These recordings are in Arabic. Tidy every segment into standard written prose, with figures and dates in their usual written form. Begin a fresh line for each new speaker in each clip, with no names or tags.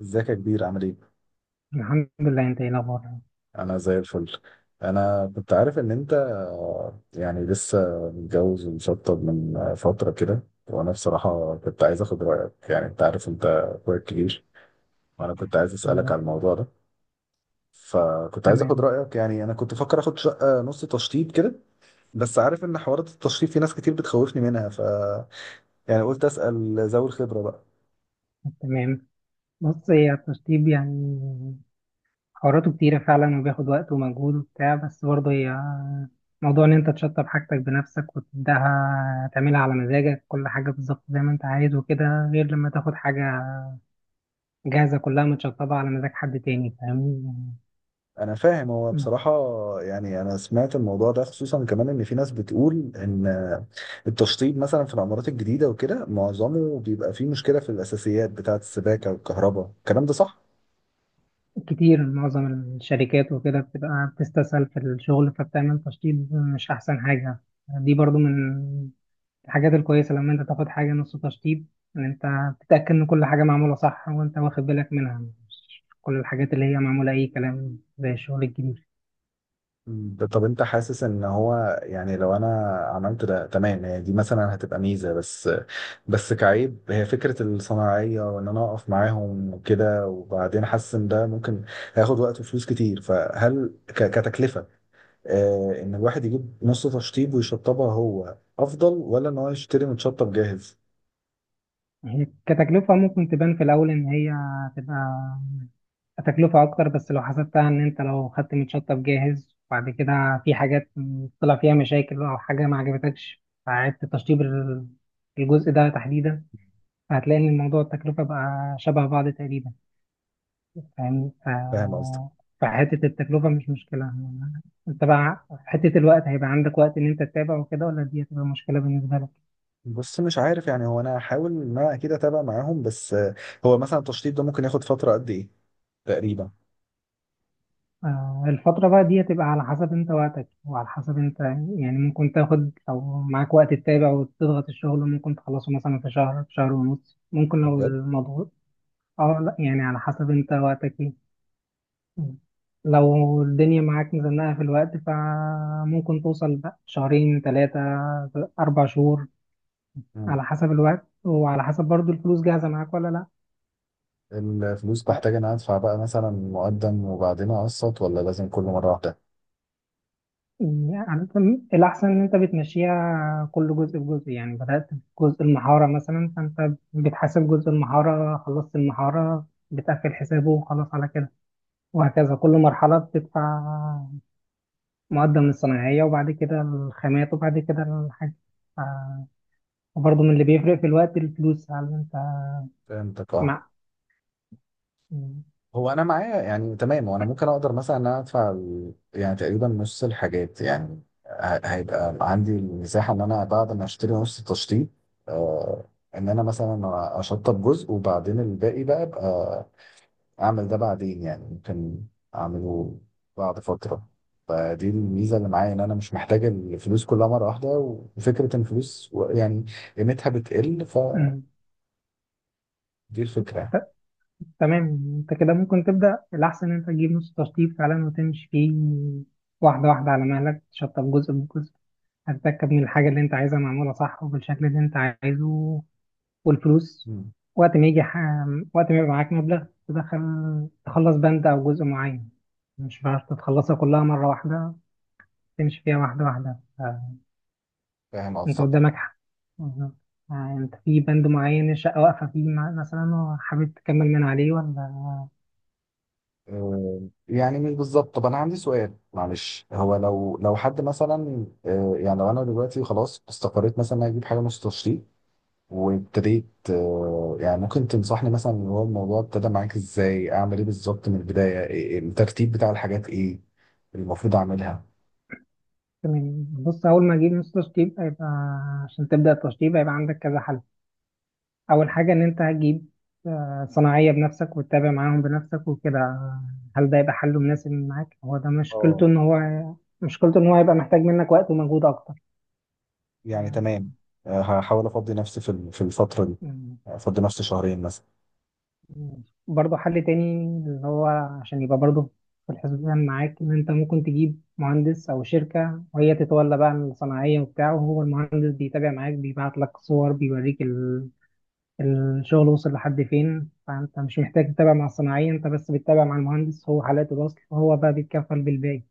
ازيك يا كبير عامل ايه؟
الحمد لله، انت ايه الاخبار؟
انا زي الفل. انا كنت عارف ان انت يعني لسه متجوز ومشطب من فترة كده، وانا بصراحة كنت عايز اخد رأيك. يعني انت عارف انت اخويا الكبير، وانا كنت عايز اسألك
ايوه،
على الموضوع ده. فكنت عايز اخد
تمام،
رأيك، يعني انا كنت فكر اخد شقة نص تشطيب كده، بس عارف ان حوارات التشطيب في ناس كتير بتخوفني منها، ف يعني قلت اسأل ذوي الخبرة بقى.
تمام. بص، هي التشطيب يعني حواراته كتيرة فعلا وبياخد وقت ومجهود وبتاع، بس برضه هي موضوع ان انت تشطب حاجتك بنفسك وتبدأها تعملها على مزاجك كل حاجة بالظبط زي ما انت عايز وكده، غير لما تاخد حاجة جاهزة كلها متشطبة على مزاج حد تاني، فاهمني؟
انا فاهم، هو بصراحة يعني انا سمعت الموضوع ده، خصوصا كمان ان في ناس بتقول ان التشطيب مثلا في العمارات الجديدة وكده معظمه بيبقى فيه مشكلة في الاساسيات بتاعة السباكة والكهرباء، الكلام ده صح؟
كتير معظم الشركات وكده بتبقى بتستسهل في الشغل فبتعمل تشطيب مش أحسن حاجة. دي برضو من الحاجات الكويسة لما انت تاخد حاجة نص تشطيب ان انت تتأكد ان كل حاجة معمولة صح وانت واخد بالك منها، مش كل الحاجات اللي هي معمولة اي كلام زي الشغل الجديد.
طب انت حاسس ان هو يعني لو انا عملت ده تمام، هي دي مثلا هتبقى ميزة، بس كعيب هي فكرة الصناعية وان انا اقف معاهم وكده، وبعدين حاسس ان ده ممكن هياخد وقت وفلوس كتير، فهل كتكلفة ان الواحد يجيب نص تشطيب ويشطبها هو افضل، ولا ان هو يشتري متشطب جاهز؟
هي كتكلفة ممكن تبان في الأول إن هي تبقى تكلفة أكتر، بس لو حسبتها إن أنت لو خدت متشطب جاهز وبعد كده في حاجات طلع فيها مشاكل أو حاجة ما عجبتكش، فعدت تشطيب الجزء ده تحديدا، فهتلاقي إن الموضوع التكلفة بقى شبه بعض تقريبا. فاهم.
فاهم قصدك.
فحتة التكلفة مش مشكلة. انت بقى في حتة الوقت هيبقى عندك وقت ان انت تتابع وكده، ولا دي هتبقى مشكلة بالنسبة لك؟
بص مش عارف يعني، هو انا هحاول ان انا اكيد اتابع معاهم، بس هو مثلا التشطيب ده ممكن ياخد فتره قد ايه تقريبا؟
الفترة بقى دي هتبقى على حسب انت وقتك وعلى حسب انت، يعني ممكن تاخد، لو معاك وقت تتابع وتضغط الشغل ممكن تخلصه مثلا في شهر، في شهر ونص، ممكن لو
بجد؟
الموضوع... اه، لا يعني على حسب انت وقتك ايه، لو الدنيا معاك مزنقة في الوقت فممكن توصل بقى شهرين، ثلاثة، 4 شهور،
مم.
على حسب الوقت وعلى حسب برضو الفلوس جاهزة معاك ولا لا.
الفلوس
ف
بحتاج ان أنا ادفع بقى مثلا مقدم وبعدين اقسط، ولا لازم كل مره واحده؟
الأحسن إن أنت بتمشيها كل جزء بجزء، يعني بدأت بجزء المحارة مثلا، فأنت بتحاسب جزء المحارة، خلصت المحارة بتقفل حسابه وخلاص على كده، وهكذا كل مرحلة بتدفع مقدم الصناعية وبعد كده الخامات وبعد كده الحاجة. ف- وبرضه من اللي بيفرق في الوقت الفلوس، هل أنت
فهمتك، اه.
مع م-
هو انا معايا يعني تمام، وانا ممكن اقدر مثلا ان انا ادفع يعني تقريبا نص الحاجات، يعني هيبقى عندي المساحه ان انا بعد ما اشتري نص التشطيب، آه، ان انا مثلا اشطب جزء، وبعدين الباقي بقى ابقى اعمل ده بعدين، يعني ممكن اعمله بعد فتره. فدي الميزه اللي معايا، ان انا مش محتاج الفلوس كلها مره واحده، وفكره ان الفلوس يعني قيمتها بتقل، فدي
م-
الفكره.
تمام. انت كده ممكن تبدأ. الأحسن ان انت تجيب نص تشطيب فعلا وتمشي فيه واحدة واحدة على مهلك، تشطب جزء بجزء، هتتأكد من الحاجة اللي انت عايزها معمولة صح وبالشكل اللي انت عايزه. والفلوس
مم.
وقت ما يجي ح... وقت ما يبقى معاك مبلغ تدخل تخلص بند أو جزء معين، مش هتعرف تتخلصها كلها مرة واحدة، تمشي فيها واحدة واحدة.
فاهم
انت
قصدك.
قدامك حق. بالظبط. آه، انت في بند معين الشقة واقفة فيه مثلا وحابب تكمل من عليه ولا...
آه، يعني مش بالظبط. طب انا عندي سؤال معلش، هو لو حد مثلا يعني لو انا دلوقتي خلاص استقريت مثلا إن أنا اجيب حاجه نص تشطيب وابتديت، يعني ممكن تنصحني مثلا اللي هو الموضوع ابتدى معاك ازاي؟ اعمل ايه بالظبط من البدايه؟ إيه، الترتيب بتاع الحاجات، ايه المفروض اعملها؟
تمام، بص اول ما اجيب نص تشطيب هيبقى، عشان تبدا التشطيب هيبقى عندك كذا حل. اول حاجه ان انت هتجيب صناعيه بنفسك وتتابع معاهم بنفسك وكده. هل ده يبقى حل مناسب معاك؟ هو ده
اه
مشكلته ان هو هيبقى محتاج منك وقت ومجهود اكتر.
يعني
آه،
تمام. هحاول افضي نفسي في في الفتره دي،
مم.
افضي نفسي شهرين مثلا.
برضه حل تاني، اللي هو عشان يبقى برضه في الحسبان معاك، ان انت ممكن تجيب مهندس او شركه وهي تتولى بقى الصناعيه وبتاعه، وهو المهندس بيتابع معاك بيبعت لك صور بيوريك الشغل وصل لحد فين، فانت مش محتاج تتابع مع الصناعية، انت بس بتتابع مع المهندس، هو حالات الوصل وهو بقى بيتكفل بالباقي.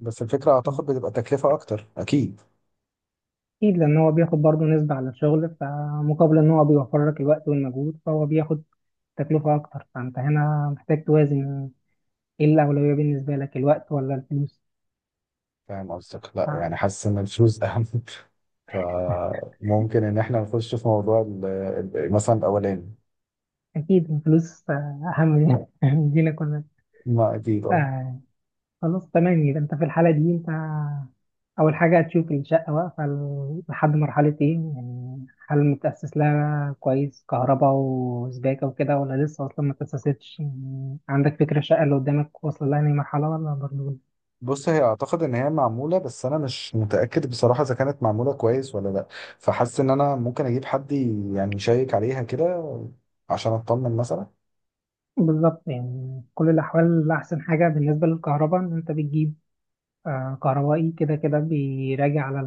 بس الفكره اعتقد بتبقى تكلفه اكتر اكيد.
اكيد لان هو بياخد برضه نسبة على الشغل، فمقابل ان هو بيوفر لك الوقت والمجهود فهو بياخد تكلفة اكتر، فانت هنا محتاج توازن ايه الاولوية بالنسبة لك، الوقت ولا الفلوس.
فاهم قصدك، لا يعني حاسس ان الفلوس اهم. فممكن ان احنا نخش في موضوع مثلا الاولاني.
فاكيد الفلوس اهم لينا لينا
ما اكيد اه.
كلنا. خلاص تمام، يبقى انت في الحالة دي انت اول حاجة هتشوف الشقة واقفة لحد مرحلة ايه، يعني هل متأسس لها كويس كهرباء وسباكة وكده، ولا لسه اصلا ما تأسستش، يعني عندك فكرة الشقة اللي قدامك واصلة لها اي مرحلة ولا برضه...
بص هي اعتقد ان هي معموله، بس انا مش متاكد بصراحه اذا كانت معموله كويس ولا لا، فحاسس ان انا ممكن اجيب حد يعني يشيك عليها كده عشان اطمن مثلا.
بالظبط، يعني في كل الاحوال احسن حاجة بالنسبة للكهرباء ان انت بتجيب كهربائي كده كده بيراجع على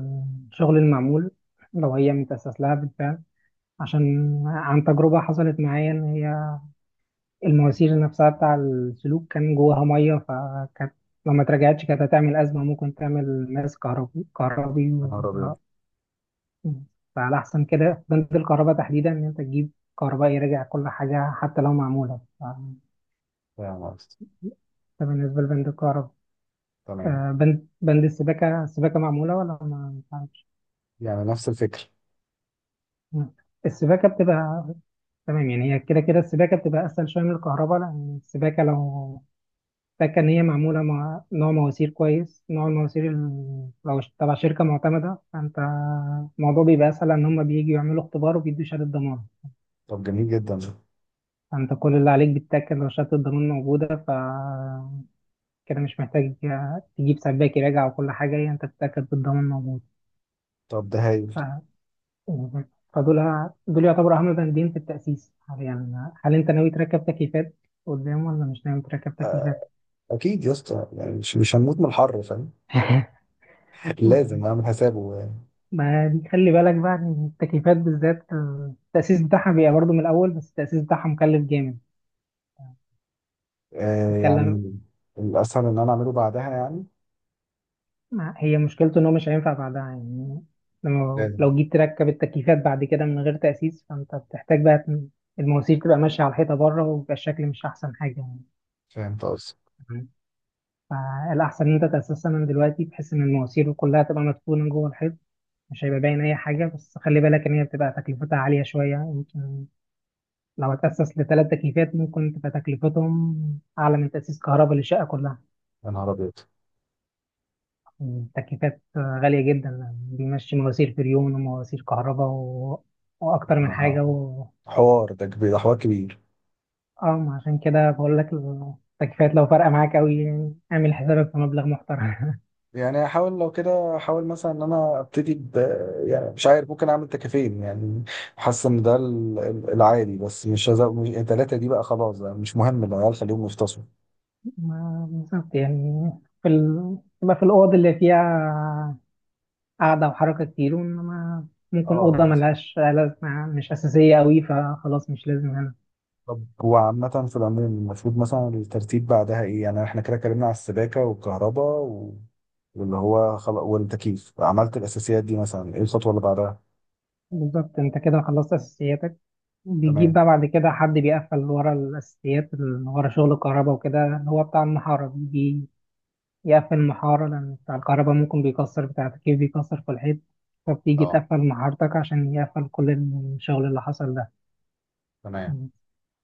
الشغل المعمول، لو هي متأسس لها بالفعل، عشان عن تجربة حصلت معايا ان هي المواسير نفسها بتاع السلوك كان جواها ميه، فكانت لما اترجعتش كانت هتعمل ازمه، ممكن تعمل ناس كهربي كهربي
يا
و...
نهار ابيض.
فعلى احسن كده بند الكهرباء تحديدا ان انت تجيب كهرباء يرجع كل حاجه حتى لو معموله.
فاهم قصدي.
ده بالنسبه لبند الكهرباء.
تمام،
بند السباكه. السباكه معموله ولا ما تعرفش؟
يعني نفس الفكر.
السباكه بتبقى... تمام، يعني هي كده كده السباكه بتبقى اسهل شويه من الكهرباء، لان السباكه لو فاكر إن هي معمولة مع نوع مواسير كويس، نوع المواسير لو تبع شركة معتمدة، فأنت الموضوع بيبقى أسهل إن هما بييجوا يعملوا اختبار وبيدوا شهادة ضمان.
طب جميل جدا.
فأنت كل اللي عليك بتتأكد لو شهادة الضمان موجودة، ف كده مش محتاج تجيب سباك يراجع وكل حاجة، هي أنت بتتأكد بالضمان موجود.
طب ده
ف...
هايل.
فدول يعتبروا أهم بندين في التأسيس حاليا. هل أنت ناوي تركب تكييفات قدام ولا مش ناوي تركب
آه،
تكييفات؟
اكيد يا اسطى، يعني مش هنموت من الحر، فاهم؟ لازم اعمل حسابه.
ما دي خلي بالك بقى ان التكييفات بالذات التأسيس بتاعها بيبقى برضه من الأول، بس التأسيس بتاعها مكلف جامد.
آه
تتكلم.
يعني الاسهل ان انا اعمله بعدها يعني.
هي مشكلته إن هو مش هينفع بعدها يعني. لو
لازم.
لو جيت تركب التكييفات بعد كده من غير تأسيس فأنت بتحتاج بقى المواسير تبقى ماشية على الحيطة بره ويبقى الشكل مش أحسن حاجة يعني.
فهمت قصدي.
تمام. فالأحسن إن أنت تأسسها من دلوقتي بحيث إن المواسير كلها تبقى مدفونة جوه الحيط، مش هيبقى باين أي حاجة، بس خلي بالك إن هي بتبقى تكلفتها عالية شوية، يمكن لو اتأسس ل3 تكليفات ممكن تبقى تكلفتهم أعلى من تأسيس كهرباء للشقة كلها.
يا نهار ابيض.
التكليفات غالية جدا، بيمشي مواسير فريون ومواسير كهرباء و... وأكتر من
آه،
حاجة و...
حوار ده كبير، ده حوار كبير.
اه، ما عشان كده بقول لك، التكليفات لو فارقة معاك أوي يعني اعمل حسابك في مبلغ محترم.
يعني هحاول لو كده احاول مثلا ان انا ابتدي ب، يعني مش عارف، ممكن اعمل تكافين يعني. حاسس ان ده العادي، بس مش هزق، مش التلاته دي بقى، خلاص بقى مش مهم، العيال خليهم يفتصوا.
ما بالظبط يعني، تبقى في الأوض اللي فيها قعدة وحركة كتير، وإنما ممكن
اه
أوضة
بالظبط.
ملهاش لازمة مش أساسية أوي فخلاص مش لازم.
طب وعامة في العموم المفروض مثلا الترتيب بعدها ايه؟ يعني احنا كده اتكلمنا على السباكة والكهرباء واللي هو خلاص والتكييف، عملت الاساسيات دي مثلا، ايه الخطوه اللي بعدها؟
بالظبط، انت كده خلصت اساسياتك، بيجيب
تمام.
بقى بعد كده حد بيقفل ورا الاساسيات اللي ورا شغل الكهرباء وكده، اللي هو بتاع المحاره، بيجي يقفل المحاره لان بتاع الكهرباء ممكن بيكسر، بتاع التكييف بيكسر في الحيط، فبتيجي
اه
تقفل محارتك عشان يقفل كل الشغل اللي حصل ده.
تمام.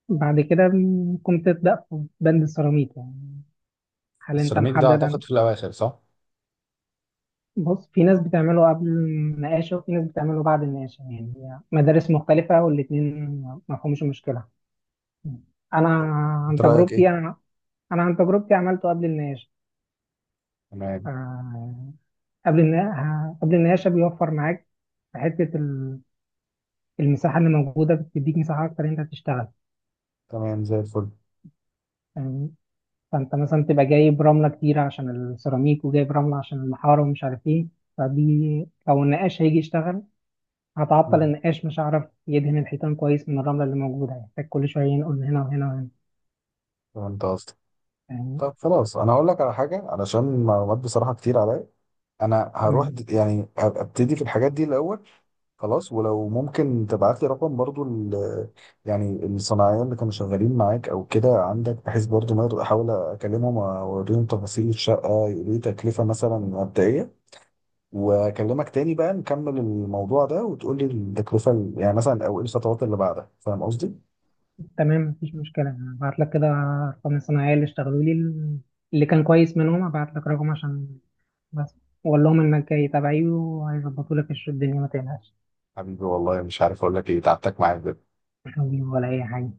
بعد كده ممكن تبدأ في بند السيراميك. يعني هل انت
السيراميك ده
محدد
اعتقد في الاواخر، صح؟
بص، في ناس بتعمله قبل النقاشة وفي ناس بتعمله بعد النقاشة، يعني مدارس مختلفة والاتنين مفهومش المشكلة. انا عن
انت رايك
تجربتي
ايه؟
انا انا عن تجربتي عملته قبل النقاش.
تمام.
آه، قبل النقاش قبل النقاش بيوفر معاك في حته المساحه اللي موجوده، بتديك مساحه اكتر إن انت تشتغل
تمام زي الفل.
يعني. فانت مثلا تبقى جايب رمله كتير عشان السيراميك وجايب رمله عشان الحاره ومش عارف ايه، فدي لو النقاش هيجي يشتغل هتعطل
مم.
النقاش، مش هعرف يدهن الحيطان كويس من الرمله اللي موجوده، هيحتاج كل شويه نقول هنا وهنا وهنا
فهمت قصدي.
يعني.
طب خلاص انا هقول لك على حاجه، علشان معلومات بصراحه كتير عليا، انا هروح
تمام.
يعني هبقى ابتدي في الحاجات دي الاول. خلاص، ولو ممكن تبعت لي رقم برضو يعني الصناعيه اللي كانوا شغالين معاك او كده عندك، بحيث برضو ما اقدر احاول اكلمهم واوريهم تفاصيل الشقه يقولوا لي تكلفه مثلا مبدئيه، واكلمك تاني بقى نكمل الموضوع ده، وتقول لي التكلفه يعني مثلا، او ايه الخطوات اللي بعدها، فاهم قصدي؟
تمام، مفيش مشكلة، هبعت لك كده أرقام الصناعية اللي اشتغلوا لي، اللي كان كويس منهم هبعت لك رقم عشان، بس وأقول لهم إنك جاي تبعي، وهيظبطوا لك الدنيا ما تقلقش.
حبيبي والله مش عارف اقول لك ايه، تعبتك معايا بجد.
مش هجيب ولا أي حاجة،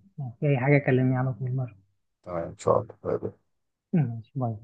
في أي حاجة كلمني على طول مرة.
تمام ان شاء الله.
ماشي، باي.